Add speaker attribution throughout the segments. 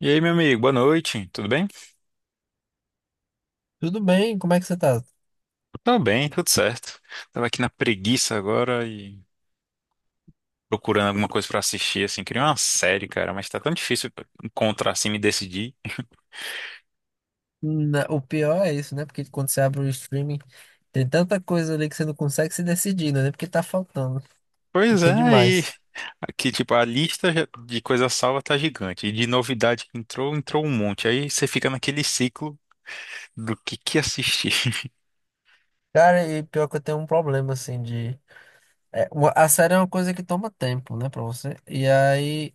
Speaker 1: E aí, meu amigo, boa noite, tudo bem?
Speaker 2: Tudo bem, como é que você tá?
Speaker 1: Tá bem, tudo certo. Tava aqui na preguiça agora e procurando alguma coisa pra assistir, assim, queria uma série, cara, mas tá tão difícil encontrar, assim, me decidir.
Speaker 2: O pior é isso, né? Porque quando você abre o streaming, tem tanta coisa ali que você não consegue se decidir, né? Porque tá faltando. E
Speaker 1: Pois
Speaker 2: tem
Speaker 1: é, e
Speaker 2: demais.
Speaker 1: aqui, tipo, de coisa salva tá gigante, e de novidade que entrou, entrou um monte, aí você fica naquele ciclo do que assistir.
Speaker 2: Cara, e pior que eu tenho um problema, assim, a série é uma coisa que toma tempo, né, pra você. E aí,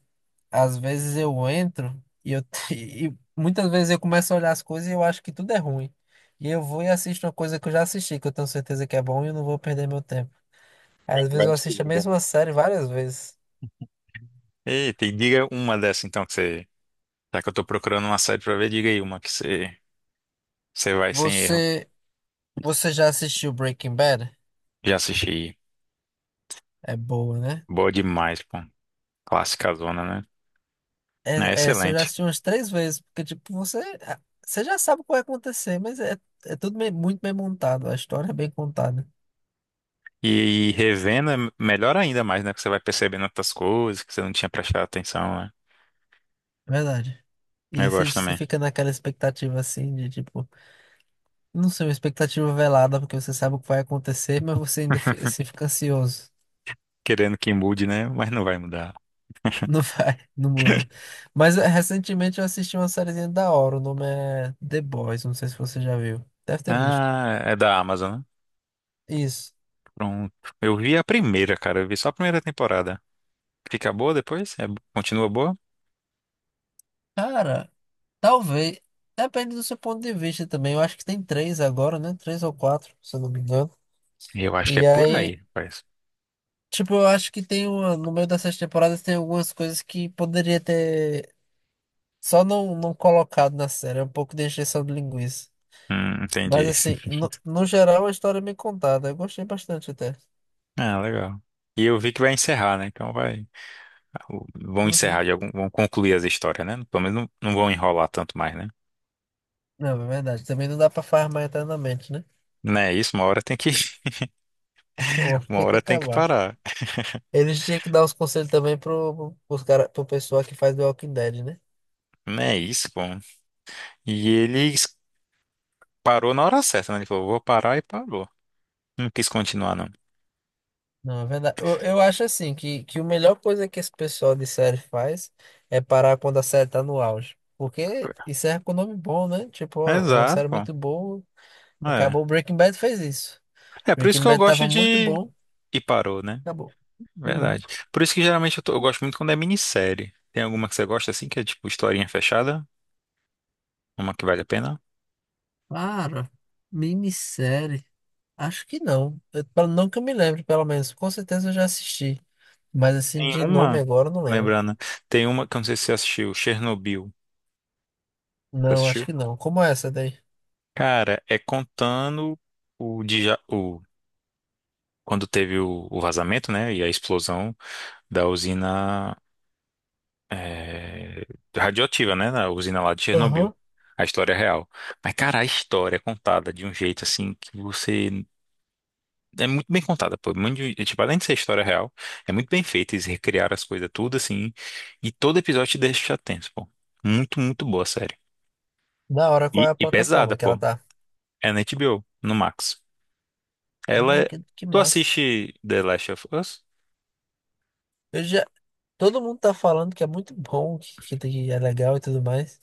Speaker 2: às vezes eu entro e eu. E muitas vezes eu começo a olhar as coisas e eu acho que tudo é ruim. E eu vou e assisto uma coisa que eu já assisti, que eu tenho certeza que é bom e eu não vou perder meu tempo. Aí, às vezes
Speaker 1: Vai
Speaker 2: eu
Speaker 1: no
Speaker 2: assisto a
Speaker 1: segundo, né?
Speaker 2: mesma série várias vezes.
Speaker 1: Eita, e diga uma dessa, então, que você... Já que eu tô procurando uma série pra ver, diga aí uma que você vai sem erro.
Speaker 2: Você. Você já assistiu Breaking Bad?
Speaker 1: Já assisti,
Speaker 2: É boa, né?
Speaker 1: boa demais, pô. Clássica zona, né? É
Speaker 2: Essa eu já
Speaker 1: excelente.
Speaker 2: assisti umas três vezes, porque, tipo, ah, você já sabe o que vai acontecer, é tudo muito bem montado, a história é bem contada,
Speaker 1: E revendo é melhor ainda mais, né? Que você vai percebendo outras coisas que você não tinha prestado atenção, né?
Speaker 2: é verdade.
Speaker 1: Eu
Speaker 2: E você,
Speaker 1: gosto
Speaker 2: você
Speaker 1: também.
Speaker 2: fica naquela expectativa, assim, de, tipo, não sei, uma expectativa velada, porque você sabe o que vai acontecer, mas você ainda assim, fica ansioso.
Speaker 1: Querendo que mude, né? Mas não vai mudar.
Speaker 2: Não vai, não muda. Mas recentemente eu assisti uma sériezinha da hora, o nome é The Boys, não sei se você já viu. Deve ter visto.
Speaker 1: Ah, é da Amazon, né?
Speaker 2: Isso.
Speaker 1: Pronto. Eu vi a primeira, cara. Eu vi só a primeira temporada. Fica boa depois? Continua boa?
Speaker 2: Cara, talvez. Depende do seu ponto de vista também. Eu acho que tem três agora, né? Três ou quatro, se eu não me engano.
Speaker 1: Eu acho que é
Speaker 2: E
Speaker 1: por aí,
Speaker 2: aí,
Speaker 1: rapaz.
Speaker 2: tipo, eu acho que tem uma. No meio dessas temporadas tem algumas coisas que poderia ter só não colocado na série. É um pouco de encheção de linguiça. Mas
Speaker 1: Entendi.
Speaker 2: assim, no geral, a história é bem contada. Eu gostei bastante até.
Speaker 1: Ah, legal. E eu vi que vai encerrar, né? Então vai. Vão encerrar
Speaker 2: Uhum.
Speaker 1: de algum. Vão concluir as histórias, né? Pelo menos não vão enrolar tanto mais, né?
Speaker 2: Não, é verdade. Também não dá pra farmar eternamente, né?
Speaker 1: Não é isso, uma hora tem que,
Speaker 2: Ou
Speaker 1: uma
Speaker 2: Tem que
Speaker 1: hora tem que
Speaker 2: acabar.
Speaker 1: parar.
Speaker 2: Eles tinham que dar os conselhos também pro pessoal que faz The Walking Dead, né?
Speaker 1: Não é isso, pô. E ele parou na hora certa, né? Ele falou, vou parar e parou. Não quis continuar, não.
Speaker 2: Não, é verdade. Eu acho assim que a melhor coisa que esse pessoal de série faz é parar quando a série tá no auge. Porque isso é com nome bom, né? Tipo, ó, é uma
Speaker 1: Exato,
Speaker 2: série
Speaker 1: pô.
Speaker 2: muito boa.
Speaker 1: É.
Speaker 2: Acabou. Breaking Bad fez isso.
Speaker 1: É por isso
Speaker 2: Breaking
Speaker 1: que eu
Speaker 2: Bad tava
Speaker 1: gosto
Speaker 2: muito
Speaker 1: de.
Speaker 2: bom.
Speaker 1: E parou, né?
Speaker 2: Acabou. Uhum.
Speaker 1: Verdade. Por isso que geralmente eu, eu gosto muito quando é minissérie. Tem alguma que você gosta assim, que é tipo historinha fechada? Uma que vale a pena?
Speaker 2: Para, minissérie. Acho que não. Não que eu me lembre, pelo menos. Com certeza eu já assisti. Mas assim,
Speaker 1: Tem
Speaker 2: de nome
Speaker 1: uma,
Speaker 2: agora eu não lembro.
Speaker 1: lembrando, tem uma que eu não sei se você assistiu, Chernobyl. Você
Speaker 2: Não, acho
Speaker 1: assistiu?
Speaker 2: que não. Como é essa daí?
Speaker 1: Cara, é contando o, quando teve o vazamento, né, e a explosão da usina eh, radioativa, né, da usina lá de Chernobyl.
Speaker 2: Aham.
Speaker 1: A história é real. Mas, cara, a história é contada de um jeito assim que você. É muito bem contada, pô. Muito, tipo, além de ser história real, é muito bem feita. Eles recriaram as coisas tudo assim. E todo episódio te deixa tenso, pô. Muito, muito boa a série.
Speaker 2: Da hora, qual é
Speaker 1: E,
Speaker 2: a
Speaker 1: e pesada,
Speaker 2: plataforma que ela
Speaker 1: pô.
Speaker 2: tá?
Speaker 1: É na HBO, no Max. Ela
Speaker 2: Ah,
Speaker 1: é.
Speaker 2: que
Speaker 1: Tu
Speaker 2: massa.
Speaker 1: assiste The Last of Us?
Speaker 2: Eu já, todo mundo tá falando que é muito bom, que é legal e tudo mais.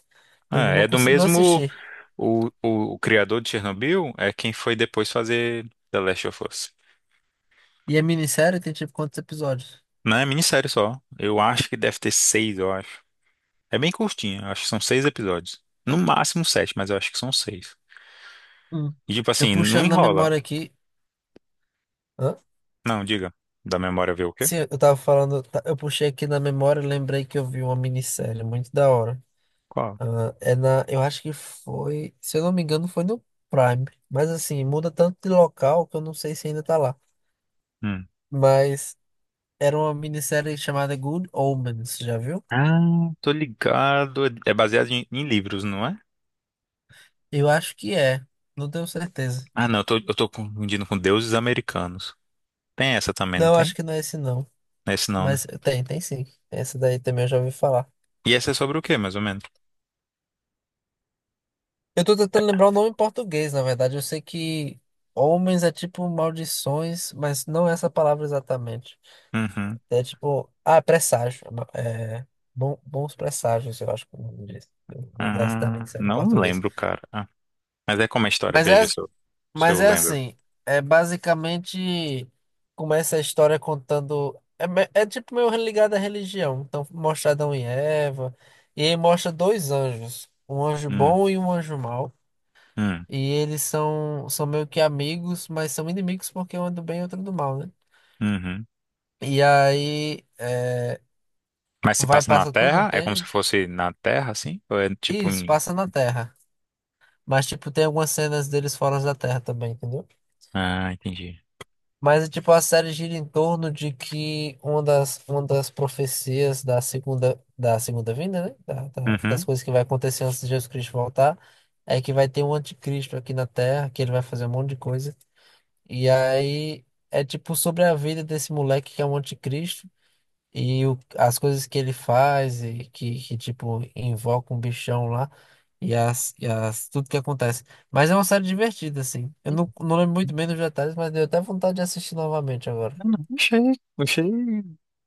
Speaker 2: Eu
Speaker 1: Ah,
Speaker 2: ainda não
Speaker 1: é do
Speaker 2: consegui, não
Speaker 1: mesmo.
Speaker 2: assisti.
Speaker 1: O criador de Chernobyl é quem foi depois fazer The Last of Us.
Speaker 2: E a minissérie tem tipo quantos episódios?
Speaker 1: Não é minissérie só. Eu acho que deve ter seis, eu acho. É bem curtinha, eu acho que são seis episódios. No máximo sete, mas eu acho que são seis.
Speaker 2: Hum.
Speaker 1: E tipo
Speaker 2: Eu
Speaker 1: assim, não
Speaker 2: puxando na
Speaker 1: enrola.
Speaker 2: memória aqui. Hã?
Speaker 1: Não, diga. Da memória ver o quê?
Speaker 2: Sim, eu tava falando, tá, eu puxei aqui na memória e lembrei que eu vi uma minissérie muito da hora.
Speaker 1: Qual?
Speaker 2: Ah, é na, eu acho que foi, se eu não me engano, foi no Prime. Mas assim, muda tanto de local que eu não sei se ainda tá lá.
Speaker 1: Hum.
Speaker 2: Mas era uma minissérie chamada Good Omens, já viu?
Speaker 1: Ah, tô ligado. É baseado em livros, não é?
Speaker 2: Eu acho que é, não tenho certeza.
Speaker 1: Ah, não, eu tô confundindo com Deuses Americanos. Tem essa também, não
Speaker 2: Não, acho
Speaker 1: tem?
Speaker 2: que não é esse não.
Speaker 1: Esse não, né?
Speaker 2: Mas tem, tem sim. Esse daí também eu já ouvi falar.
Speaker 1: E essa é sobre o quê, mais ou menos?
Speaker 2: Eu tô tentando lembrar o nome em português, na verdade. Eu sei que homens é tipo maldições, mas não é essa palavra exatamente.
Speaker 1: Uhum.
Speaker 2: É tipo, ah, presságio. É, bons presságios, eu acho que é o nome disso. Eu vou dar essa também
Speaker 1: Ah,
Speaker 2: sério em
Speaker 1: não
Speaker 2: português.
Speaker 1: lembro, cara. Mas é como é a história,
Speaker 2: Mas é
Speaker 1: veja se eu, se
Speaker 2: Mas
Speaker 1: eu
Speaker 2: é
Speaker 1: lembro.
Speaker 2: assim, é basicamente começa a história contando. É tipo meio ligado à religião. Então mostra Adão e Eva. E aí mostra dois anjos, um anjo
Speaker 1: Hum,
Speaker 2: bom e um anjo mau.
Speaker 1: hum,
Speaker 2: E eles são meio que amigos, mas são inimigos porque um é do bem e outro do mal, né?
Speaker 1: uhum.
Speaker 2: E aí é,
Speaker 1: Mas se
Speaker 2: vai,
Speaker 1: passa na
Speaker 2: passa tudo um
Speaker 1: Terra, é como se
Speaker 2: tempo.
Speaker 1: fosse na Terra, assim? Ou é tipo
Speaker 2: Isso,
Speaker 1: em...
Speaker 2: passa na Terra. Mas tipo, tem algumas cenas deles fora da Terra também, entendeu?
Speaker 1: Ah, entendi.
Speaker 2: Mas, tipo, a série gira em torno de que uma das profecias da da segunda vinda, né? Das
Speaker 1: Uhum.
Speaker 2: coisas que vai acontecer antes de Jesus Cristo voltar, é que vai ter um anticristo aqui na Terra, que ele vai fazer um monte de coisa. E aí é tipo sobre a vida desse moleque que é um anticristo. As coisas que ele faz, que tipo, invoca um bichão lá, tudo que acontece. Mas é uma série divertida, assim. Eu não, não lembro muito bem dos detalhes, mas deu até vontade de assistir novamente agora.
Speaker 1: Não, não, achei...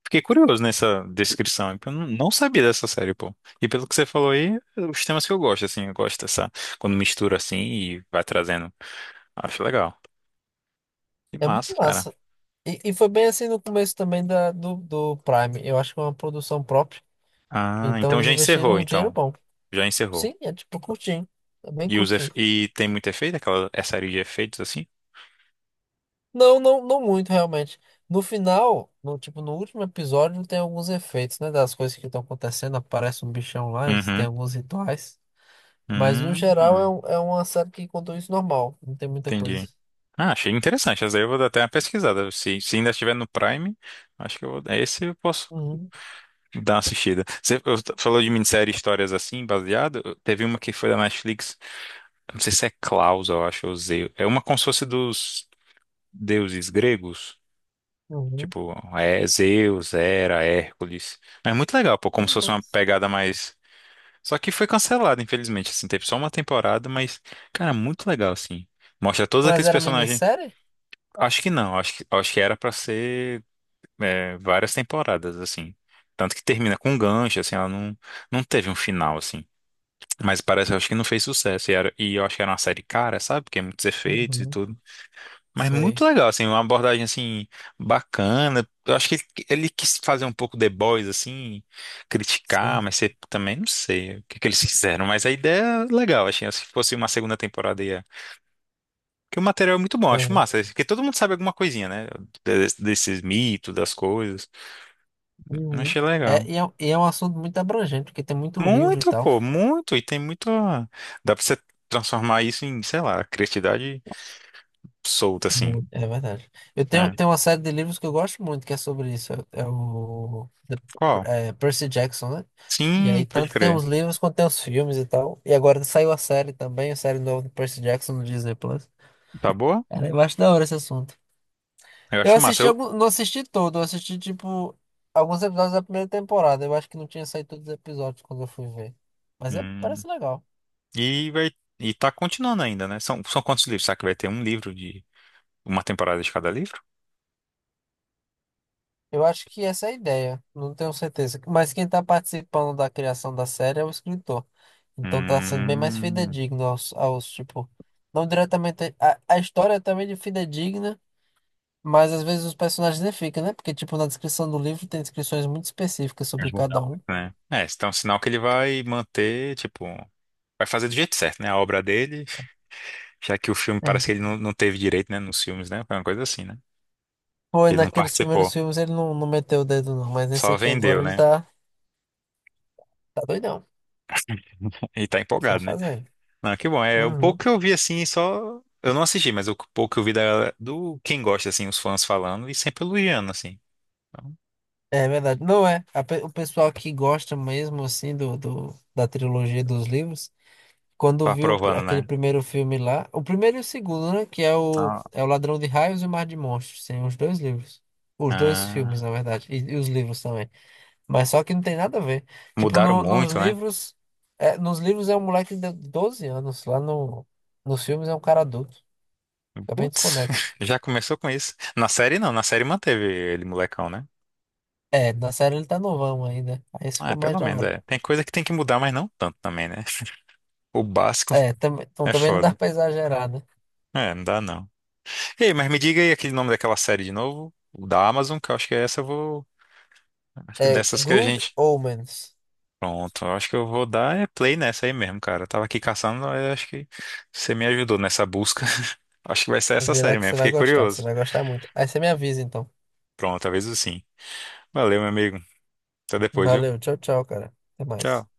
Speaker 1: Fiquei curioso nessa descrição, porque eu não sabia dessa série, pô. E pelo que você falou aí, é os temas que eu gosto, assim, eu gosto dessa... Quando mistura, assim, e vai trazendo. Acho legal. Que
Speaker 2: É muito
Speaker 1: massa, cara.
Speaker 2: massa. E foi bem assim no começo também do Prime. Eu acho que é uma produção própria.
Speaker 1: Ah,
Speaker 2: Então
Speaker 1: então
Speaker 2: eles
Speaker 1: já encerrou,
Speaker 2: investiram um dinheiro
Speaker 1: então.
Speaker 2: bom.
Speaker 1: Já encerrou.
Speaker 2: Sim, é tipo curtinho. É bem
Speaker 1: E, os
Speaker 2: curtinho.
Speaker 1: efe- e tem muito efeito, aquela é série de efeitos, assim?
Speaker 2: Não muito, realmente. No final, no último episódio, tem alguns efeitos, né? Das coisas que estão acontecendo, aparece um bichão lá, eles têm
Speaker 1: Uhum.
Speaker 2: alguns rituais. Mas no
Speaker 1: Hum,
Speaker 2: geral é,
Speaker 1: hum,
Speaker 2: é uma série que contou isso normal. Não tem muita
Speaker 1: entendi.
Speaker 2: coisa.
Speaker 1: Ah, achei interessante. Essa daí eu vou dar até uma pesquisada. Se ainda estiver no Prime, acho que eu vou. Esse eu posso
Speaker 2: Uhum,
Speaker 1: dar uma assistida. Você falou de minissérie histórias assim, baseado. Teve uma que foi da Netflix. Não sei se é Klaus, eu acho, ou Zeus. É uma como se fosse dos deuses gregos.
Speaker 2: uhum.
Speaker 1: Tipo, é Zeus, Hera, Hércules. Mas é muito legal, pô,
Speaker 2: Que
Speaker 1: como se fosse uma
Speaker 2: massa.
Speaker 1: pegada mais. Só que foi cancelada, infelizmente. Assim, teve só uma temporada, mas, cara, muito legal, assim. Mostra todos
Speaker 2: Mas
Speaker 1: aqueles
Speaker 2: era
Speaker 1: personagens.
Speaker 2: minissérie?
Speaker 1: Acho que não, acho que era pra ser várias temporadas, assim. Tanto que termina com um gancho, assim, ela não teve um final, assim. Mas parece, acho que não fez sucesso. E eu acho que era uma série cara, sabe? Porque muitos efeitos e
Speaker 2: Uhum.
Speaker 1: tudo. Mas muito
Speaker 2: Sei,
Speaker 1: legal, assim, uma abordagem, assim, bacana. Eu acho que ele quis fazer um pouco The Boys, assim, criticar,
Speaker 2: sei.
Speaker 1: mas você também não sei o que, que eles fizeram. Mas a ideia é legal, achei. Se fosse uma segunda temporada, porque o material é muito bom, eu acho
Speaker 2: Uhum.
Speaker 1: massa. Porque todo mundo sabe alguma coisinha, né? Desses mitos, das coisas. Eu
Speaker 2: Uhum.
Speaker 1: achei legal.
Speaker 2: E é um assunto muito abrangente, porque tem muito livro e
Speaker 1: Muito,
Speaker 2: tal.
Speaker 1: pô, muito. E tem muito. Dá pra você transformar isso em, sei lá, criatividade solta, assim.
Speaker 2: Muito. É verdade. Tenho
Speaker 1: É.
Speaker 2: uma série de livros que eu gosto muito, que é sobre isso. É,
Speaker 1: Qual?
Speaker 2: é, Percy Jackson, né? E
Speaker 1: Sim,
Speaker 2: aí,
Speaker 1: pode
Speaker 2: tanto tem
Speaker 1: crer.
Speaker 2: os livros quanto tem os filmes e tal. E agora saiu a série também, a série nova do Percy Jackson no Disney Plus.
Speaker 1: Tá boa?
Speaker 2: Cara, eu acho da hora esse assunto.
Speaker 1: Eu acho massa. Eu...
Speaker 2: Não assisti todo, eu assisti, tipo, alguns episódios da primeira temporada. Eu acho que não tinha saído todos os episódios quando eu fui ver. Mas é,
Speaker 1: Hum.
Speaker 2: parece legal.
Speaker 1: E vai. E tá continuando ainda, né? São quantos livros? Será que vai ter um livro de. Uma temporada de cada livro?
Speaker 2: Eu acho que essa é a ideia, não tenho certeza. Mas quem tá participando da criação da série é o escritor. Então tá sendo bem mais
Speaker 1: Hum.
Speaker 2: fidedigno aos tipo, não diretamente. A história é também de fidedigna, mas às vezes os personagens nem ficam, né? Porque, tipo, na descrição do livro tem descrições muito específicas sobre
Speaker 1: Vai mudar
Speaker 2: cada
Speaker 1: muito,
Speaker 2: um.
Speaker 1: né? É, então é um sinal que ele vai manter, tipo. Vai fazer do jeito certo, né? A obra dele, já que o filme
Speaker 2: É.
Speaker 1: parece que ele não teve direito, né? Nos filmes, né? Foi uma coisa assim, né?
Speaker 2: Foi
Speaker 1: Ele não
Speaker 2: naqueles primeiros
Speaker 1: participou,
Speaker 2: filmes ele não meteu o dedo, não, mas nesse
Speaker 1: só
Speaker 2: aqui
Speaker 1: vendeu,
Speaker 2: agora
Speaker 1: né?
Speaker 2: tá doidão.
Speaker 1: E tá
Speaker 2: Ele tá
Speaker 1: empolgado, né?
Speaker 2: fazendo.
Speaker 1: Não, que bom. É o
Speaker 2: Uhum.
Speaker 1: pouco que eu vi assim, só. Eu não assisti, mas o pouco que eu vi do quem gosta, assim, os fãs falando e sempre elogiando, assim. Então,
Speaker 2: É verdade. Não é. O pessoal que gosta mesmo, assim, da trilogia dos livros. Quando
Speaker 1: tá
Speaker 2: viu o
Speaker 1: aprovando,
Speaker 2: aquele
Speaker 1: né?
Speaker 2: primeiro filme lá, o primeiro e o segundo, né? Que é
Speaker 1: Tá.
Speaker 2: é o Ladrão de Raios e o Mar de Monstros. Tem os dois livros. Os dois filmes,
Speaker 1: Ah,
Speaker 2: na verdade. E os livros também. Mas só que não tem nada a ver. Tipo,
Speaker 1: mudaram
Speaker 2: nos
Speaker 1: muito, né?
Speaker 2: livros. Nos livros é um moleque de 12 anos. Lá no, Nos filmes é um cara adulto. Fica bem
Speaker 1: Putz,
Speaker 2: desconexo.
Speaker 1: já começou com isso. Na série não, na série manteve ele molecão, né?
Speaker 2: É, na série ele tá novão ainda. Aí isso
Speaker 1: Ah,
Speaker 2: ficou mais
Speaker 1: pelo
Speaker 2: da
Speaker 1: menos,
Speaker 2: hora.
Speaker 1: é. Tem coisa que tem que mudar, mas não tanto também, né? O básico.
Speaker 2: Então
Speaker 1: É
Speaker 2: também não dá
Speaker 1: foda.
Speaker 2: pra exagerar, né?
Speaker 1: É, não dá não. Ei, mas me diga aí aquele nome daquela série de novo, o da Amazon, que eu acho que é essa eu vou. Acho que
Speaker 2: É
Speaker 1: dessas que a
Speaker 2: Good
Speaker 1: gente.
Speaker 2: Omens.
Speaker 1: Pronto, eu acho que eu vou dar é play nessa aí mesmo, cara. Eu tava aqui caçando, mas eu acho que você me ajudou nessa busca. Acho que vai ser essa
Speaker 2: Vê lá
Speaker 1: série
Speaker 2: que
Speaker 1: mesmo,
Speaker 2: você vai
Speaker 1: fiquei
Speaker 2: gostar. Você
Speaker 1: curioso.
Speaker 2: vai gostar muito. Aí você me avisa então.
Speaker 1: Pronto, talvez sim. Valeu, meu amigo. Até depois, viu?
Speaker 2: Valeu, tchau, tchau, cara. Até mais.
Speaker 1: Tchau.